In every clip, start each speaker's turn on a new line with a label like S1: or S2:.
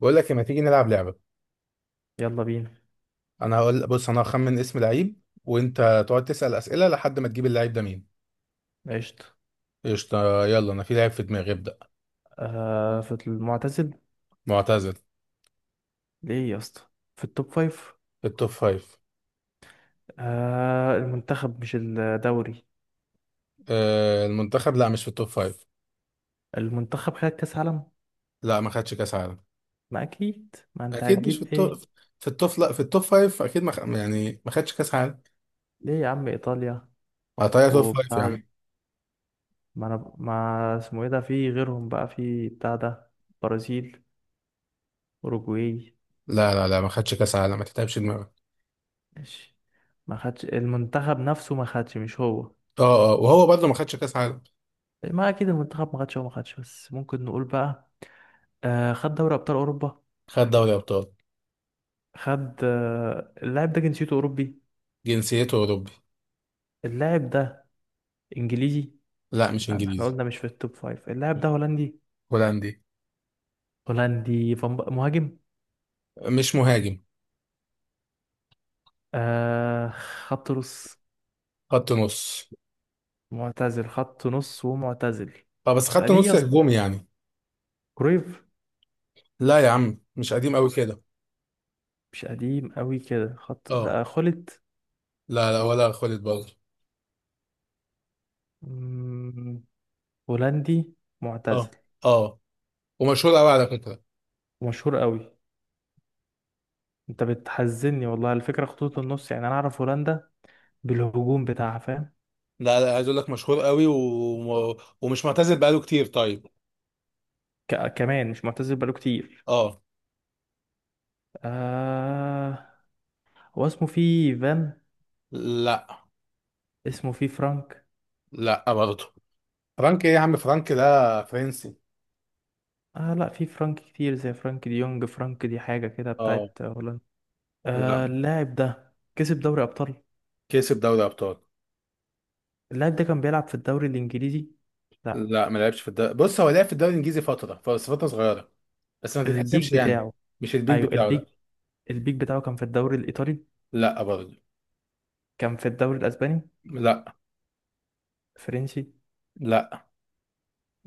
S1: بقول لك، ما تيجي نلعب لعبة؟
S2: يلا بينا.
S1: انا هقول، بص، انا هخمن اسم لعيب وانت تقعد تسأل أسئلة لحد ما تجيب اللعيب ده مين.
S2: قشطة.
S1: قشطة، يلا، انا في لعيب في دماغي، ابدأ.
S2: آه في المعتزل.
S1: معتزل،
S2: ليه يا اسطى؟ في التوب فايف.
S1: في التوب فايف.
S2: آه المنتخب مش الدوري.
S1: آه المنتخب، لا، مش في التوب فايف.
S2: المنتخب خد كأس عالم.
S1: لا، ما خدش كاس عالم.
S2: ما أكيد ما أنت
S1: اكيد مش في
S2: هتجيب إيه.
S1: التوب. في التوب، لا، في التوب فايف اكيد ما خ... يعني ما خدش كاس عالم.
S2: ليه يا عم إيطاليا
S1: هتلاقيها توب فايف
S2: وبتاع.
S1: يعني.
S2: ما أنا ما اسمه إيه ده في غيرهم بقى في بتاع ده. برازيل. أوروجواي.
S1: لا، لا، لا، ما خدش كاس عالم، ما تتعبش دماغك.
S2: ماشي. ما خدش المنتخب نفسه ما خدش، مش هو.
S1: اه، اه، وهو برضه ما خدش كاس عالم.
S2: ما أكيد المنتخب ما خدش، هو ما خدش، بس ممكن نقول بقى. آه خد دوري أبطال أوروبا.
S1: خد دوري ابطال.
S2: خد اللاعب ده جنسيته أوروبي.
S1: جنسيته اوروبي.
S2: اللاعب ده إنجليزي.
S1: لا، مش
S2: يعني احنا
S1: انجليزي.
S2: قلنا مش في التوب فايف. اللاعب ده هولندي.
S1: هولندي.
S2: هولندي. مهاجم.
S1: مش مهاجم.
S2: آه خط نص.
S1: خط نص.
S2: معتزل خط نص ومعتزل.
S1: اه، بس خدت
S2: ليه يا
S1: نص
S2: اسطى؟
S1: هجومي يعني.
S2: كرويف.
S1: لا يا عم، مش قديم قوي كده.
S2: مش قديم قوي كده خط
S1: اه.
S2: ده خلت.
S1: لا، لا، ولا خالد برضه.
S2: مم، هولندي.
S1: اه،
S2: معتزل.
S1: اه، ومشهور قوي على فكره.
S2: مشهور قوي. انت بتحزني والله. الفكرة خطوط النص، يعني انا اعرف هولندا بالهجوم بتاعها، فاهم.
S1: لا، لا، عايز اقول لك مشهور قوي ومش معتزل بقاله كتير، طيب.
S2: كمان مش معتزل بقاله كتير.
S1: اه.
S2: آه هو اسمه فيه فان.
S1: لا.
S2: اسمه فيه فرانك.
S1: لا برضه. فرانك ايه يا عم؟ فرانك ده فرنسي.
S2: آه لا، في فرانك كتير زي فرانك دي يونج، فرانك دي حاجة كده
S1: اه.
S2: بتاعت هولندا.
S1: لا.
S2: آه اللاعب ده كسب دوري أبطال.
S1: كسب دوري ابطال.
S2: اللاعب ده كان بيلعب في الدوري الإنجليزي. لا.
S1: لا، ما لعبش في الدوري، بص هو لعب في الدوري الانجليزي فتره، بس فتره صغيره. بس ما تتحسبش
S2: البيك
S1: يعني.
S2: بتاعه.
S1: مش البيك
S2: أيوه
S1: بتاعه ده.
S2: البيك. البيك بتاعه كان في الدوري الإيطالي.
S1: لا برضه.
S2: كان في الدوري الأسباني.
S1: لا.
S2: الفرنسي.
S1: لا.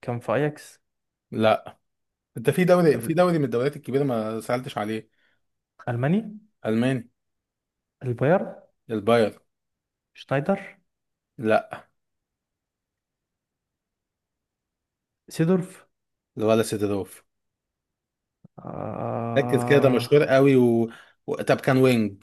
S2: كان في أياكس.
S1: لا. انت في دوري من الدوريات الكبيره ما سالتش عليه.
S2: الألماني.
S1: الماني.
S2: البايرن.
S1: الباير.
S2: شنايدر.
S1: لا،
S2: سيدورف.
S1: ولا سيدروف. ركز كده، ده
S2: آه
S1: مشهور قوي طب كان وينج.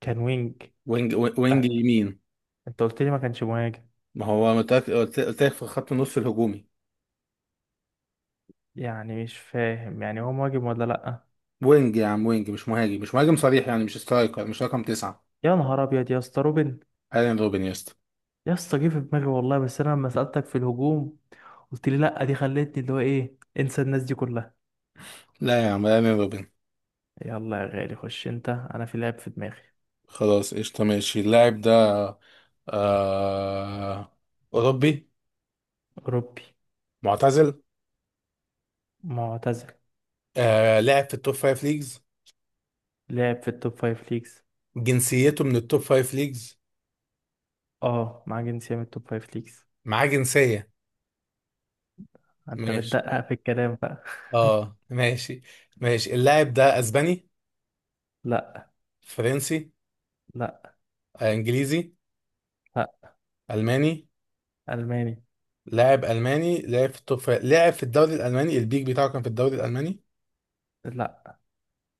S2: كان وينج.
S1: وينج، وينج
S2: آه.
S1: يمين.
S2: انت قلت لي ما كانش مهاجم.
S1: ما هو قلت لك في خط النص الهجومي.
S2: يعني مش فاهم، يعني هو مهاجم ولا لأ؟
S1: وينج يا عم، وينج مش مهاجم، مش مهاجم صريح يعني، مش سترايكر، مش رقم تسعة.
S2: يا نهار أبيض يا اسطى، روبن.
S1: ايرين روبن يا اسطى.
S2: يا اسطى جه في دماغي والله، بس أنا لما سألتك في الهجوم قلت لي لأ، دي خلتني اللي هو إيه انسى الناس دي كلها.
S1: لا يا عم، ايرين روبن.
S2: يلا يا غالي خش أنت، أنا في لعب في دماغي.
S1: خلاص، قشطة، ماشي، اللاعب ده. آه... أوروبي.
S2: أوروبي.
S1: معتزل.
S2: معتزل.
S1: لعب في التوب فايف ليجز.
S2: لعب في التوب فايف ليجز.
S1: جنسيته من التوب فايف ليجز.
S2: أه مع جنسية من التوب فايف ليجز.
S1: معاه جنسية.
S2: أنت
S1: ماشي.
S2: بتدقق في الكلام بقى.
S1: اه، ماشي. ماشي، اللاعب ده اسباني؟
S2: لأ.
S1: فرنسي؟
S2: لأ.
S1: انجليزي؟
S2: لأ.
S1: الماني؟
S2: ألماني.
S1: لاعب الماني لاعب في الدوري الالماني، البيك بتاعه كان في الدوري الالماني.
S2: لأ.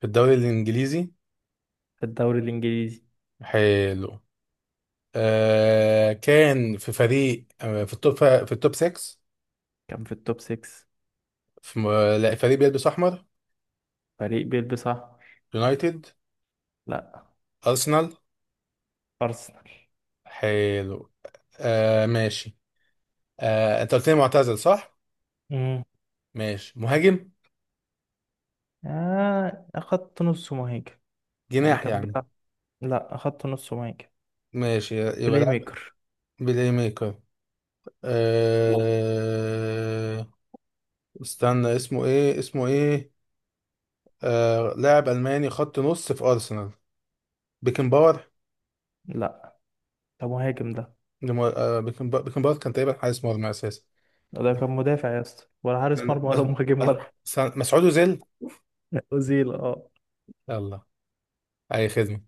S1: في الدوري الانجليزي؟
S2: في الدوري الإنجليزي.
S1: حلو. كان في فريق في في التوب 6.
S2: كان في التوب 6.
S1: في م- لا، فريق بيلبس احمر.
S2: فريق بيلبس أحمر.
S1: يونايتد؟
S2: لأ.
S1: ارسنال؟
S2: أرسنال.
S1: حلو. ماشي. انت قلت لي معتزل، صح؟ ماشي، مهاجم؟
S2: آه أخدت نص مهاجم. يعني
S1: جناح
S2: كان
S1: يعني؟
S2: بيلعب. لا أخدت نص مهاجم.
S1: ماشي، يبقى
S2: بلاي
S1: ده.
S2: ميكر.
S1: بلاي ميكر؟ لا. أه... استنى، اسمه ايه، اسمه ايه؟ لاعب ألماني خط نص في أرسنال. بيكنباور؟
S2: لا ده مهاجم ده.
S1: لم... أه... بيكنبا- بيكنباور كان تقريبا حارس مرمى أساسي.
S2: ده
S1: لا،
S2: كان مدافع يا اسطى، ولا حارس
S1: لا،
S2: مرمى،
S1: بس،
S2: ولا مهاجم،
S1: بس-
S2: ولا.
S1: مسعود أوزيل!
S2: أوزيل اه.
S1: يلا. أي خدمة.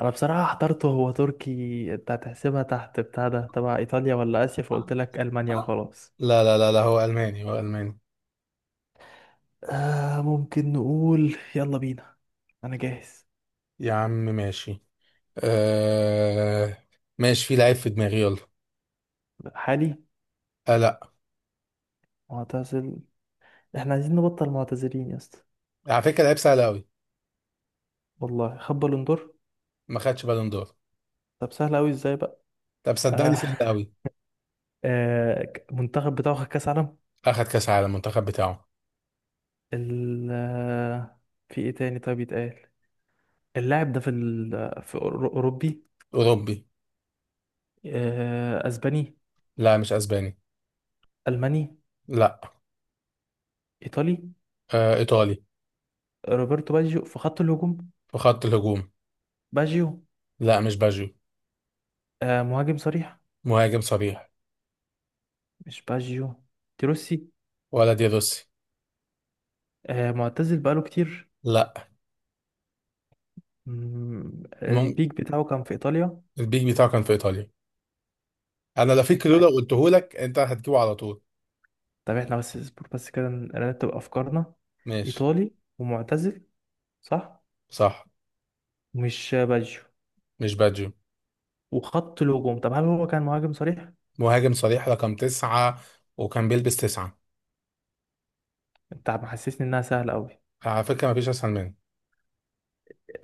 S2: أنا بصراحة حضرته هو تركي، أنت هتحسبها تحت بتاع ده تبع إيطاليا ولا آسيا، فقلت لك ألمانيا وخلاص.
S1: لا، لا، لا، لا، هو ألماني، هو ألماني.
S2: آه ممكن نقول يلا بينا. أنا جاهز.
S1: يا عم ماشي. أه... ماشي، في لعيب في دماغي، يلا.
S2: حالي.
S1: لا.
S2: معتزل. إحنا عايزين نبطل معتزلين يا اسطى.
S1: على فكرة، لعيب سهل أوي.
S2: والله خد بالون دور.
S1: ما خدش بالون دور.
S2: طب سهل أوي إزاي بقى؟
S1: طب صدقني
S2: آه.
S1: سهل أوي.
S2: منتخب بتاعه خد كاس عالم.
S1: أخد كأس عالم المنتخب بتاعه.
S2: ال آه، في ايه تاني طيب يتقال؟ اللاعب ده في اوروبي.
S1: أوروبي.
S2: اسباني.
S1: لا، مش اسباني.
S2: الماني.
S1: لا.
S2: ايطالي.
S1: آه، ايطالي.
S2: روبرتو باجيو في خط الهجوم.
S1: في خط الهجوم.
S2: باجيو.
S1: لا، مش باجيو.
S2: مهاجم صريح.
S1: مهاجم صريح.
S2: مش باجيو. تروسي.
S1: ولا دي روسي.
S2: معتزل بقاله كتير.
S1: لا. مم...
S2: البيك بتاعه كان في ايطاليا.
S1: البيك بتاعه كان في ايطاليا. انا لا في كلو لو قلته لك، انت هتجيبه على طول.
S2: طب احنا بس اصبر بس كده نرتب افكارنا.
S1: ماشي.
S2: ايطالي. ومعتزل. صح.
S1: صح.
S2: مش باجيو.
S1: مش باجيو.
S2: وخط الهجوم. طب هل هو كان مهاجم صريح؟
S1: مهاجم صريح رقم تسعة. وكان بيلبس تسعة.
S2: انت محسسني انها سهله قوي.
S1: على فكرة مفيش اسهل منه.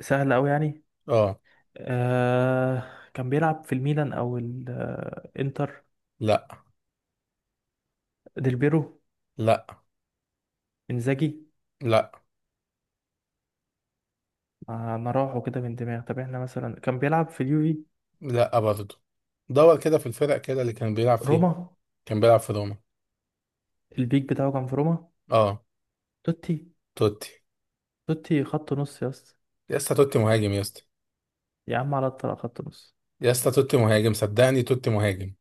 S2: سهله قوي يعني.
S1: اه.
S2: آه كان بيلعب في الميلان او الانتر.
S1: لا.
S2: ديل بيرو.
S1: لا.
S2: انزاجي.
S1: لا.
S2: ما راحوا كده من دماغ. طب احنا مثلا كان بيلعب في اليوفي.
S1: لا برضه. دور كده في الفرق كده اللي كان بيلعب فيها.
S2: روما.
S1: كان بيلعب في روما.
S2: البيك بتاعه كان في روما.
S1: اه.
S2: توتي.
S1: توتي؟
S2: توتي خط نص يا اسطى.
S1: لسه توتي مهاجم يا اسطى.
S2: يا عم على الطلاق خط نص.
S1: يا اسطى توتي مهاجم، صدقني توتي مهاجم.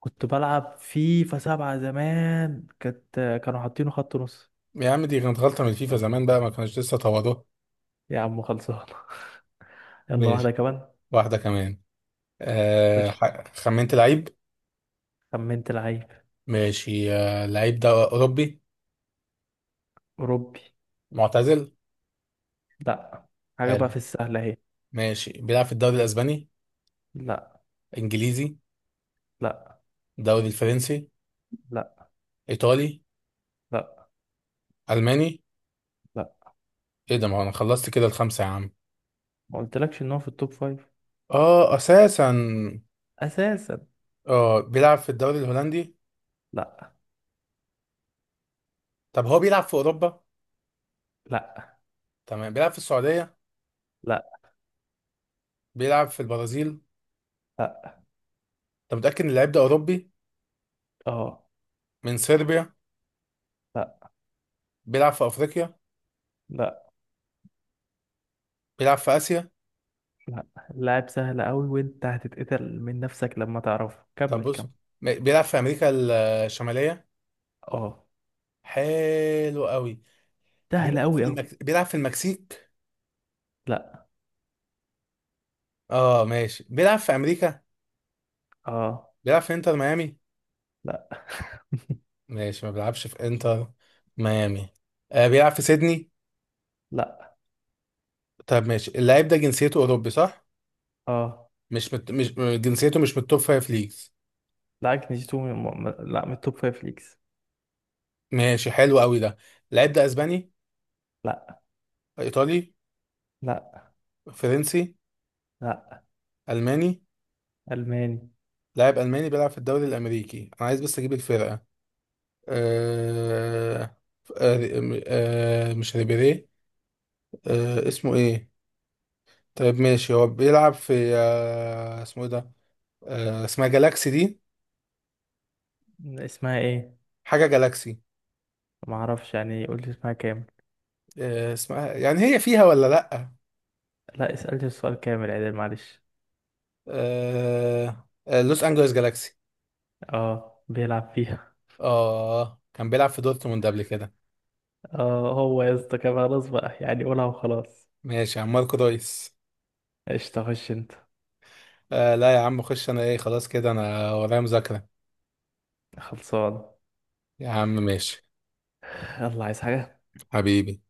S2: كنت بلعب فيفا سبعة زمان، كانت كانوا حاطينه خط نص.
S1: يا عم دي كانت غلطة من الفيفا زمان بقى ما كانوش لسه طوضوها.
S2: يا عم خلصان. يلا واحدة
S1: ماشي،
S2: كمان.
S1: واحدة كمان.
S2: خش.
S1: خمنت لعيب.
S2: خمنت لعيب.
S1: ماشي، اللعيب ده أوروبي؟
S2: أوروبي.
S1: معتزل.
S2: لا. حاجة بقى
S1: حلو.
S2: في السهلة اهي.
S1: ماشي، بيلعب في الدوري الأسباني؟
S2: لا.
S1: إنجليزي؟
S2: لا.
S1: الدوري الفرنسي؟
S2: لا.
S1: إيطالي؟
S2: لا.
S1: ألماني؟
S2: لا.
S1: إيه ده؟ ما هو أنا خلصت كده الخمسة يا عم.
S2: ما قلتلكش ان هو في التوب فايف.
S1: أساسا.
S2: اساسا.
S1: بيلعب في الدوري الهولندي؟
S2: لا.
S1: طب هو بيلعب في أوروبا؟
S2: لا.
S1: تمام، بيلعب في السعودية؟
S2: لا.
S1: بيلعب في البرازيل؟ أنت
S2: لا.
S1: متأكد إن اللعيب ده أوروبي؟
S2: اه.
S1: من صربيا؟
S2: لا.
S1: بيلعب في افريقيا؟
S2: لا.
S1: بيلعب في اسيا؟
S2: لا. لاعب سهل قوي، وانت هتتقتل من نفسك لما تعرفه.
S1: طب
S2: كمل
S1: بص،
S2: كمل.
S1: بيلعب في امريكا الشماليه؟
S2: اه.
S1: حلو قوي.
S2: سهل قوي قوي.
S1: بيلعب في المكسيك؟
S2: لا.
S1: اه ماشي، بيلعب في امريكا.
S2: اه.
S1: بيلعب في انتر ميامي؟
S2: لا.
S1: ماشي، ما بيلعبش في انتر ميامي. بيلعب في سيدني؟
S2: لا.
S1: طب، ماشي، اللاعب ده جنسيته اوروبي، صح؟
S2: اه.
S1: مش جنسيته مش من التوب فايف ليجز؟
S2: لا جنيتو من لا من التوب فايف ليكس.
S1: ماشي، حلو قوي ده. اللاعب ده اسباني؟
S2: لا.
S1: ايطالي؟
S2: لا.
S1: فرنسي؟
S2: لا.
S1: الماني؟
S2: الماني.
S1: لاعب الماني بيلعب في الدوري الامريكي، انا عايز بس اجيب الفرقه. آه آه مش ريبيري؟ اسمه ايه؟ طيب، ماشي، هو بيلعب في اسمه ايه ده؟ اسمها جالاكسي دي.
S2: اسمها ايه؟
S1: حاجة جالاكسي.
S2: ما اعرفش يعني، قول لي اسمها كامل.
S1: اسمها يعني هي فيها ولا لأ؟
S2: لا اسألني السؤال كامل عدل، معلش.
S1: لوس أنجلوس جالاكسي.
S2: اه بيلعب فيها.
S1: اه، كان بيلعب في دورتموند قبل كده.
S2: اه هو يا اسطى كان خلاص بقى، يعني قولها وخلاص.
S1: ماشي يا عم، ماركو رويس.
S2: ايش تخش انت.
S1: لا يا عم، خش، انا ايه، خلاص كده، انا ورايا مذاكرة.
S2: خلصان.
S1: يا عم ماشي.
S2: يلا. عايز حاجة.
S1: حبيبي.